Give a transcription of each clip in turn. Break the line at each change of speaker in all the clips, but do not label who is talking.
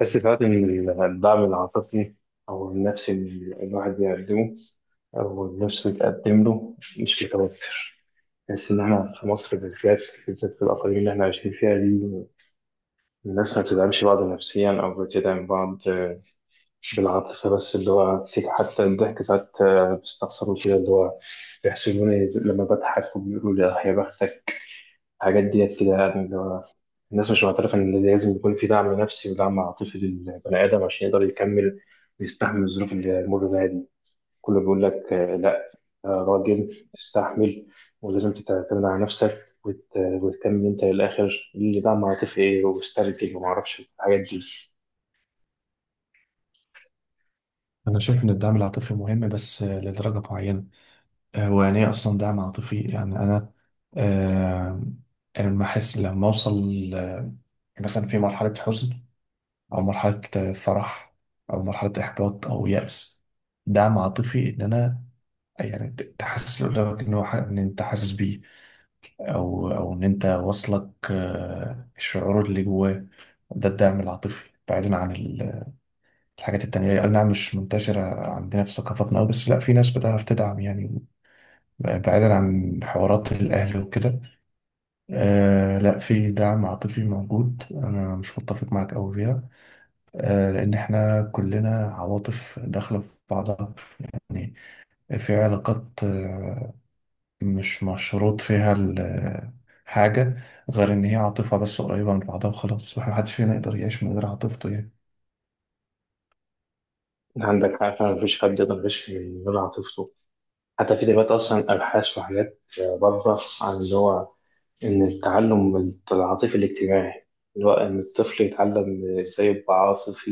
بس ساعات إن الدعم العاطفي أو النفسي اللي الواحد بيقدمه أو النفس بتقدم له مش متوفر، بحس إن إحنا في مصر بالذات بالذات في الأقاليم اللي إحنا عايشين فيها دي الناس ما بتدعمش بعض نفسيا أو بتدعم بعض بالعاطفة بس اللي هو حتى الضحك ساعات بيستخسروا كده اللي هو بيحسدوني لما بضحك وبيقولوا لي آه يا بختك. الحاجات ديت كده يعني الناس مش معترفة إن لازم يكون في دعم نفسي ودعم عاطفي للبني آدم عشان يقدر يكمل ويستحمل الظروف اللي يمر بيها دي. كله بيقول لك آه، لا، آه، راجل تستحمل ولازم تعتمد على نفسك وتكمل أنت للآخر اللي دعم عاطفي إيه واسترجل ومعرفش الحاجات دي.
أنا شايف إن الدعم العاطفي مهم، بس لدرجة معينة. هو يعني إيه أصلا دعم عاطفي؟ يعني آه، أنا لما أحس، لما أوصل مثلا في مرحلة حزن، أو مرحلة فرح، أو مرحلة إحباط أو يأس. دعم عاطفي إن أنا يعني تحسس اللي قدامك إن إن أنت حاسس بيه، أو إن أنت واصلك الشعور اللي جواه. ده الدعم العاطفي بعيدا عن الحاجات التانية. أي نعم، مش منتشرة عندنا في ثقافتنا أوي، بس لأ، في ناس بتعرف تدعم يعني، بعيدا عن حوارات الأهل وكده. آه، لأ، في دعم عاطفي موجود، أنا مش متفق معاك أوي فيها. آه، لأن إحنا كلنا عواطف داخلة في بعضها يعني. في علاقات مش مشروط فيها حاجة، غير إن هي عاطفة، بس قريبة من بعضها وخلاص. محدش فينا يقدر يعيش من غير عاطفته يعني.
عندك حق فعلا مفيش حد يقدر يعيش من غير عاطفته. حتى في دلوقتي أصلا أبحاث وحاجات بره عن اللي هو إن التعلم العاطفي الاجتماعي اللي هو إن الطفل يتعلم إزاي يبقى عاطفي،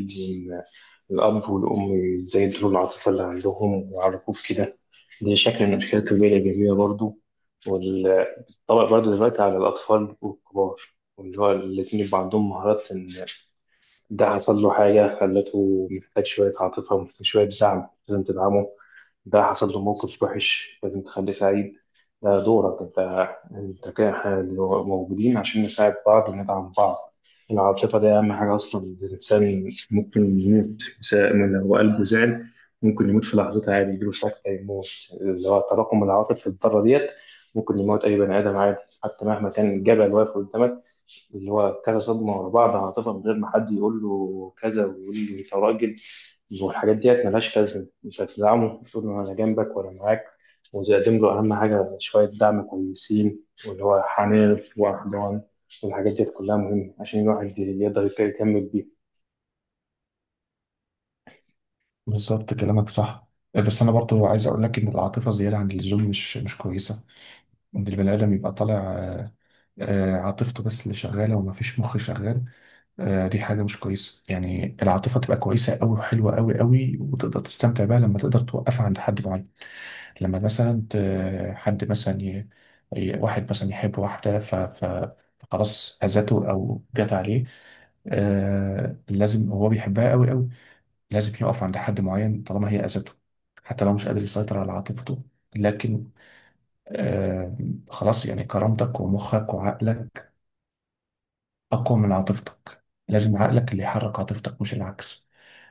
الأب والأم يزودوا العاطفة اللي عندهم ويعرفوك كده. دي شكل من أشكال التربية الإيجابية برضو، والطبق برضو دلوقتي على الأطفال والكبار، واللي هو الاتنين يبقى عندهم مهارات. إن ده حصل له حاجة خلته محتاج شوية عاطفة ومحتاج شوية دعم لازم تدعمه، ده حصل له موقف وحش لازم تخليه سعيد، ده دورك انت. انت كده احنا موجودين عشان نساعد بعض وندعم بعض. العاطفة دي أهم حاجة أصلا، الإنسان ممكن يموت لو قلبه زعل ممكن يموت في لحظتها عادي، يجيله سكتة يموت، اللي هو تراكم العواطف في الذرة ديت. ممكن يموت أي بني آدم عادي حتى مهما كان الجبل واقف قدامك، اللي هو كذا صدمة ورا بعض هتبقى من غير ما حد يقول له كذا ويقول له أنت راجل. والحاجات ديت ملهاش لازمة، مش هتدعمه. المفروض إن أنا جنبك وأنا معاك وتقدم له أهم حاجة شوية دعم كويسين، واللي هو حنان وحنان والحاجات ديت كلها مهمة عشان الواحد يقدر يكمل بيها.
بالظبط كلامك صح. بس انا برضو عايز اقول لك ان العاطفه زياده عن اللزوم مش كويسه، ان البني ادم يبقى طالع عاطفته بس اللي شغاله، وما فيش مخ شغال. دي حاجه مش كويسه. يعني العاطفه تبقى كويسه قوي، وحلوه قوي قوي، وتقدر تستمتع بيها لما تقدر توقفها عند حد معين. لما مثلا ت- حد مثلا ي... ي- واحد مثلا يحب واحده فخلاص اذته او جت عليه. آه، لازم هو بيحبها قوي قوي، لازم يقف عند حد معين طالما هي أذته، حتى لو مش قادر يسيطر على عاطفته. لكن آه خلاص يعني. كرامتك ومخك وعقلك أقوى من عاطفتك. لازم عقلك اللي يحرك عاطفتك مش العكس.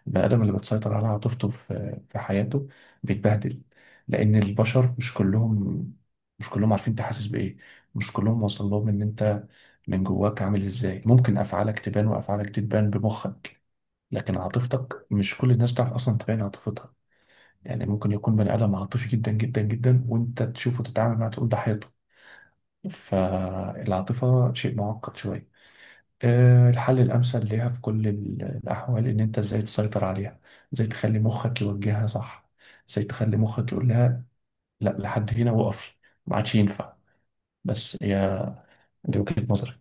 البني آدم اللي بتسيطر على عاطفته في حياته بيتبهدل، لأن البشر مش كلهم عارفين أنت حاسس بإيه، مش كلهم واصل لهم إن أنت من جواك عامل إزاي. ممكن أفعالك تبان، وأفعالك تبان بمخك، لكن عاطفتك مش كل الناس بتعرف أصلا تبين عاطفتها. يعني ممكن يكون بني آدم عاطفي جدا جدا جدا، وانت تشوفه تتعامل معاه تقول ده حيطة. فالعاطفة شيء معقد شوية. الحل الأمثل ليها في كل الأحوال إن أنت إزاي تسيطر عليها، إزاي تخلي مخك يوجهها صح، إزاي تخلي مخك يقول لها لا، لحد هنا وقفي، ما عادش ينفع. بس هي دي وجهة نظري.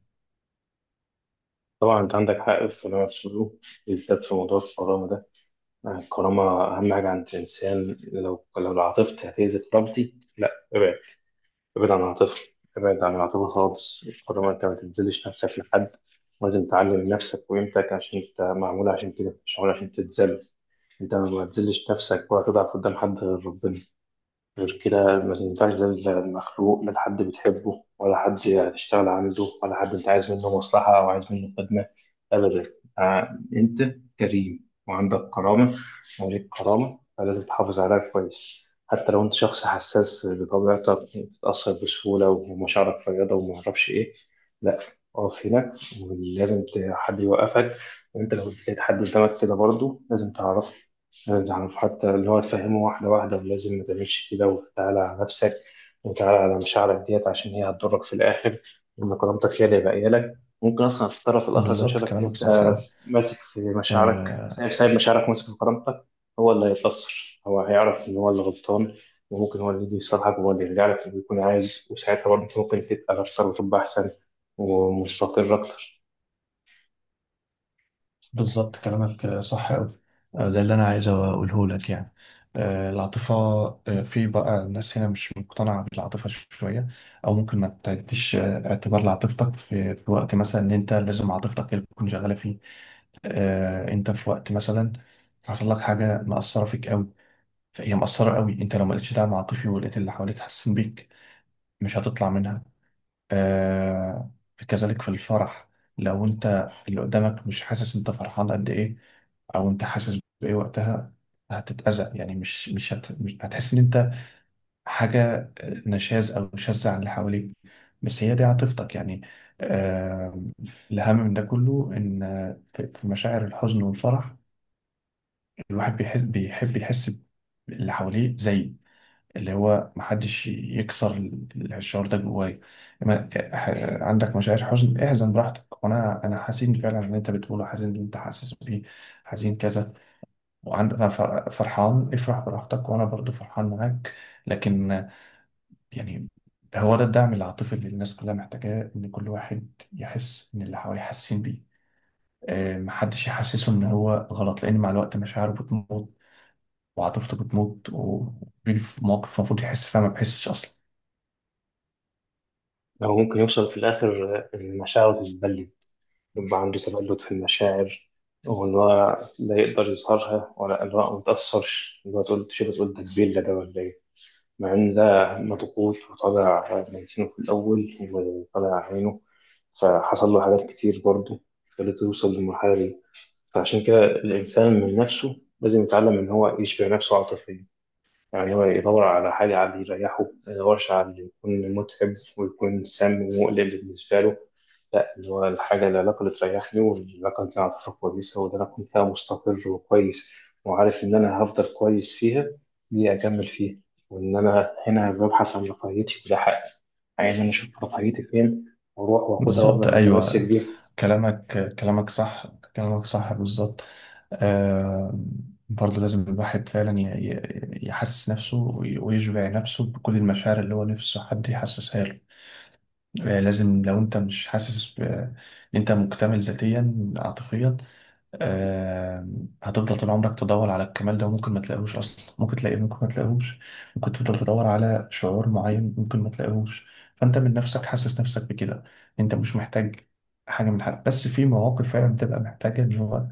طبعا انت عندك حق في اللي أنا بتقوله، بالذات في موضوع الكرامه ده. الكرامه اهم حاجه عند الانسان، لو عاطفتي هتاذي كرامتي لا، ابعد، ابعد عن العاطفة، ابعد عن العاطفة خالص. طالما انت ما تتذلش نفسك لحد، لازم تعلم نفسك وقيمتك عشان انت معمول عشان كده، مش معمول عشان تتذل. انت ما تذلش نفسك ولا تضعف قدام حد غير ربنا، غير كده ما تنفعش ده المخلوق، لا حد بتحبه ولا حد هتشتغل عنده ولا حد انت عايز منه مصلحة او عايز منه خدمة، ابدا. انت كريم وعندك كرامة وليك كرامة، فلازم تحافظ عليها كويس. حتى لو انت شخص حساس بطبيعتك بتتأثر بسهولة ومشاعرك فياضة ومعرفش ايه، لا، اقف هنا، ولازم حد يوقفك. وانت لو لقيت حد قدامك كده برضه لازم تعرفه، يعني حتى اللي هو تفهمه واحدة واحدة، ولازم ما تعملش كده وتعالى على نفسك وتعالى على مشاعرك ديت عشان هي هتضرك في الآخر، وإن كرامتك هي اللي هيبقى لك. ممكن أصلا في الطرف الآخر لو
بالظبط
شافك إن
كلامك
أنت
صح أوي.
ماسك في مشاعرك، سايب
آه،
سايب مشاعرك ماسك في كرامتك، هو اللي هيتأثر، هو هيعرف إن هو اللي غلطان، وممكن هو اللي يجي يصلحك وهو اللي يرجع لك اللي يكون عايز، وساعتها برضه أنت ممكن تبقى أكثر وتبقى أحسن ومستقر أكتر.
بالظبط كلامك صح أوي. ده اللي أنا عايز أقوله لك يعني. العاطفة، في بقى ناس هنا مش مقتنعة بالعاطفة شوية، أو ممكن ما تديش اعتبار لعاطفتك في وقت مثلا، إن أنت لازم عاطفتك هي اللي تكون شغالة فيه. أنت في وقت مثلا حصل لك حاجة مأثرة فيك أوي، فهي مأثرة أوي. أنت لو ما لقيتش دعم عاطفي، ولقيت اللي حواليك حاسين بيك، مش هتطلع منها. آه كذلك في الفرح، لو انت اللي قدامك مش حاسس انت فرحان قد ايه، او انت حاسس بايه وقتها، هتتأذى. يعني مش هتحس ان انت حاجة نشاز او شاذة عن اللي حواليك. بس هي دي عاطفتك يعني. آه الاهم من ده كله ان في مشاعر الحزن والفرح، الواحد بيحس، بيحب يحس باللي حواليه زيه. اللي هو محدش يكسر الشعور ده جوايا. عندك مشاعر حزن، احزن براحتك، وانا حزين فعلا اللي انت بتقوله، حزين اللي انت حاسس بيه، حزين كذا. وعندك فرحان، افرح براحتك، وانا برضو فرحان معاك. لكن يعني هو ده الدعم العاطفي اللي الناس كلها محتاجاه، ان كل واحد يحس ان اللي حواليه حاسين بيه. محدش يحسسه ان هو غلط، لان مع الوقت مشاعره بتموت، وعاطفته بتموت، وبيجي في مواقف المفروض يحس فيها ما بيحسش اصلا.
أو ممكن يوصل في الآخر المشاعر تتبلد، يبقى عنده تبلد في المشاعر، وإن هو لا يقدر يظهرها ولا إن هو ما يتأثرش، إن هو تقول تشيل تقول ده كبير ده ولا إيه، مع إن ده مضغوط وطالع ميتينه في الأول وطالع عينه، فحصل له حاجات كتير برضه خلته يوصل للمرحلة دي. فعشان كده الإنسان من نفسه لازم يتعلم إن هو يشبع نفسه عاطفيا، يعني هو يدور على حاجة، على اللي يريحه، ما يدورش على اللي يكون متعب ويكون سام ومقلق بالنسبة له. لا، اللي هو الحاجة، العلاقة اللي تريحني والعلاقة اللي أنا أعتبرها كويسة واللي أنا أكون فيها مستقر وكويس وعارف إن أنا هفضل كويس فيها، دي أكمل فيها. وإن أنا هنا ببحث عن رفاهيتي وده حقي، عايز إن أنا أشوف رفاهيتي فين وأروح وآخدها
بالظبط،
وأفضل متمسك
ايوه،
بيها.
كلامك صح، كلامك صح بالظبط. آه برضه لازم الواحد فعلا يحسس نفسه ويشبع نفسه بكل المشاعر اللي هو نفسه حد يحسسها له. آه، لازم لو انت مش حاسس انت مكتمل ذاتيا عاطفيا. آه، هتفضل طول عمرك تدور على الكمال ده، وممكن ما تلاقيهوش اصلا. ممكن تلاقيه، ممكن ما تلاقيهوش. ممكن تفضل تدور على شعور معين، ممكن ما تلاقيهوش. فانت من نفسك حاسس نفسك بكده، انت مش محتاج حاجه من حد. بس في مواقف فعلا بتبقى محتاجه، اللي هو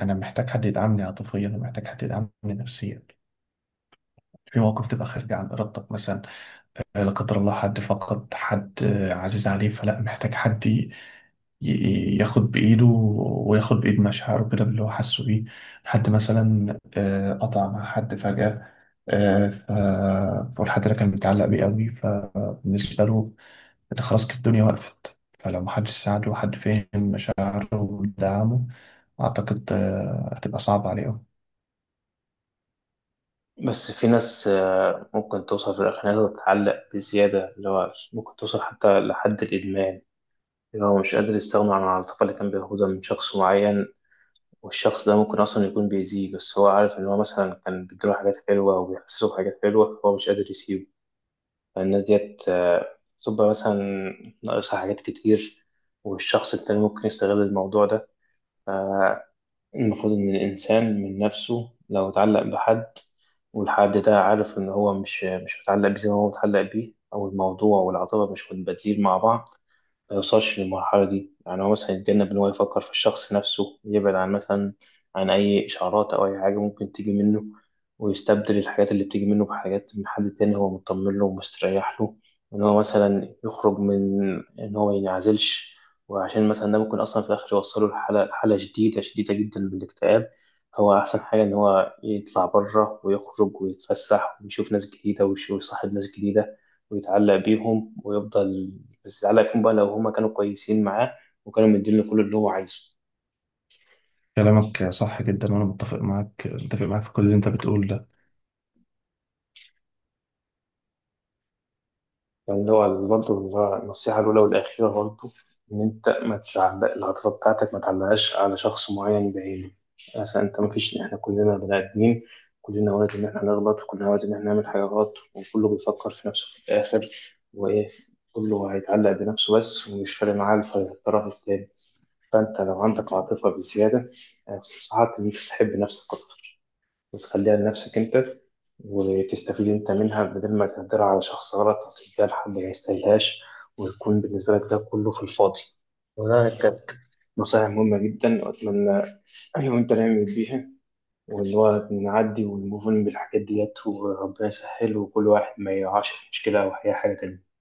انا محتاج حد يدعمني عاطفيا، ومحتاج حد يدعمني نفسيا، في مواقف تبقى خارجه عن ارادتك، مثلا لا قدر الله حد فقد حد عزيز عليه، فلا محتاج حد ياخد بإيده، وياخد بإيد مشاعره كده، باللي هو حاسه بيه. حد مثلا قطع مع حد فجأة، فالحد ده كان متعلق بيه قوي، فبالنسبة له إن خلاص كده الدنيا وقفت. فلو محدش ساعده، وحد فهم مشاعره ودعمه، أعتقد هتبقى صعبة عليه أوي.
بس في ناس ممكن توصل في الآخر إنها تتعلق بزيادة، اللي هو ممكن توصل حتى لحد الإدمان، اللي هو مش قادر يستغنى عن العاطفة اللي كان بياخدها من شخص معين، والشخص ده ممكن أصلا يكون بيأذيه، بس هو عارف إن هو مثلا كان بيديله حاجات حلوة أو بيحسسه بحاجات حلوة فهو مش قادر يسيبه. فالناس ديت بتبقى مثلا ناقصها حاجات كتير، والشخص التاني ممكن يستغل الموضوع ده. المفروض إن الإنسان من نفسه لو اتعلق بحد والحد ده عارف إن هو مش متعلق بيه زي ما هو متعلق بيه، أو الموضوع والعاطفة مش متبادلين مع بعض، ما يوصلش للمرحلة دي. يعني هو مثلا يتجنب إن هو يفكر في الشخص نفسه، يبعد عن مثلا عن أي إشعارات أو أي حاجة ممكن تيجي منه، ويستبدل الحاجات اللي بتيجي منه بحاجات من حد تاني هو مطمن له ومستريح له. إن هو مثلا يخرج من، إن هو مينعزلش، وعشان مثلا ده ممكن أصلا في الآخر يوصله لحالة، شديدة شديدة جدا من الاكتئاب. هو أحسن حاجة إن هو يطلع بره ويخرج ويتفسح ويشوف ناس جديدة ويصاحب ناس جديدة ويتعلق بيهم ويفضل، بس على يكون بقى لو هما كانوا كويسين معاه وكانوا مدينه كل اللي هو عايزه.
كلامك صح جدا، وأنا متفق معاك، متفق معاك في كل اللي أنت بتقوله ده
يعني اللي هو برضه النصيحة الأولى والأخيرة برضه إن أنت ما تعلق العاطفة بتاعتك، ما تعلقهاش على شخص معين بعينه. مثلا أنت ما فيش، إحنا كلنا بني آدمين، كلنا وارد إن إحنا نغلط وكلنا وارد إن إحنا نعمل حاجة غلط، وكله بيفكر في نفسه في الآخر وإيه، كله هيتعلق بنفسه بس ومش فارق معاه الطرف التاني. فأنت لو عندك عاطفة بزيادة، أنصحك إن أنت تحب نفسك أكتر، وتخليها لنفسك أنت، وتستفيد أنت منها بدل ما تهدرها على شخص غلط أو تديها لحد ما يستاهلهاش ويكون بالنسبة لك ده كله في الفاضي. وده كانت نصائح مهمة جدا، وأتمنى أنا وأنت نعمل بيها، واللي هو نعدي ونموف أون بالحاجات ديت، وربنا يسهل وكل واحد ما يقعش في مشكلة أو أي حاجة تانية.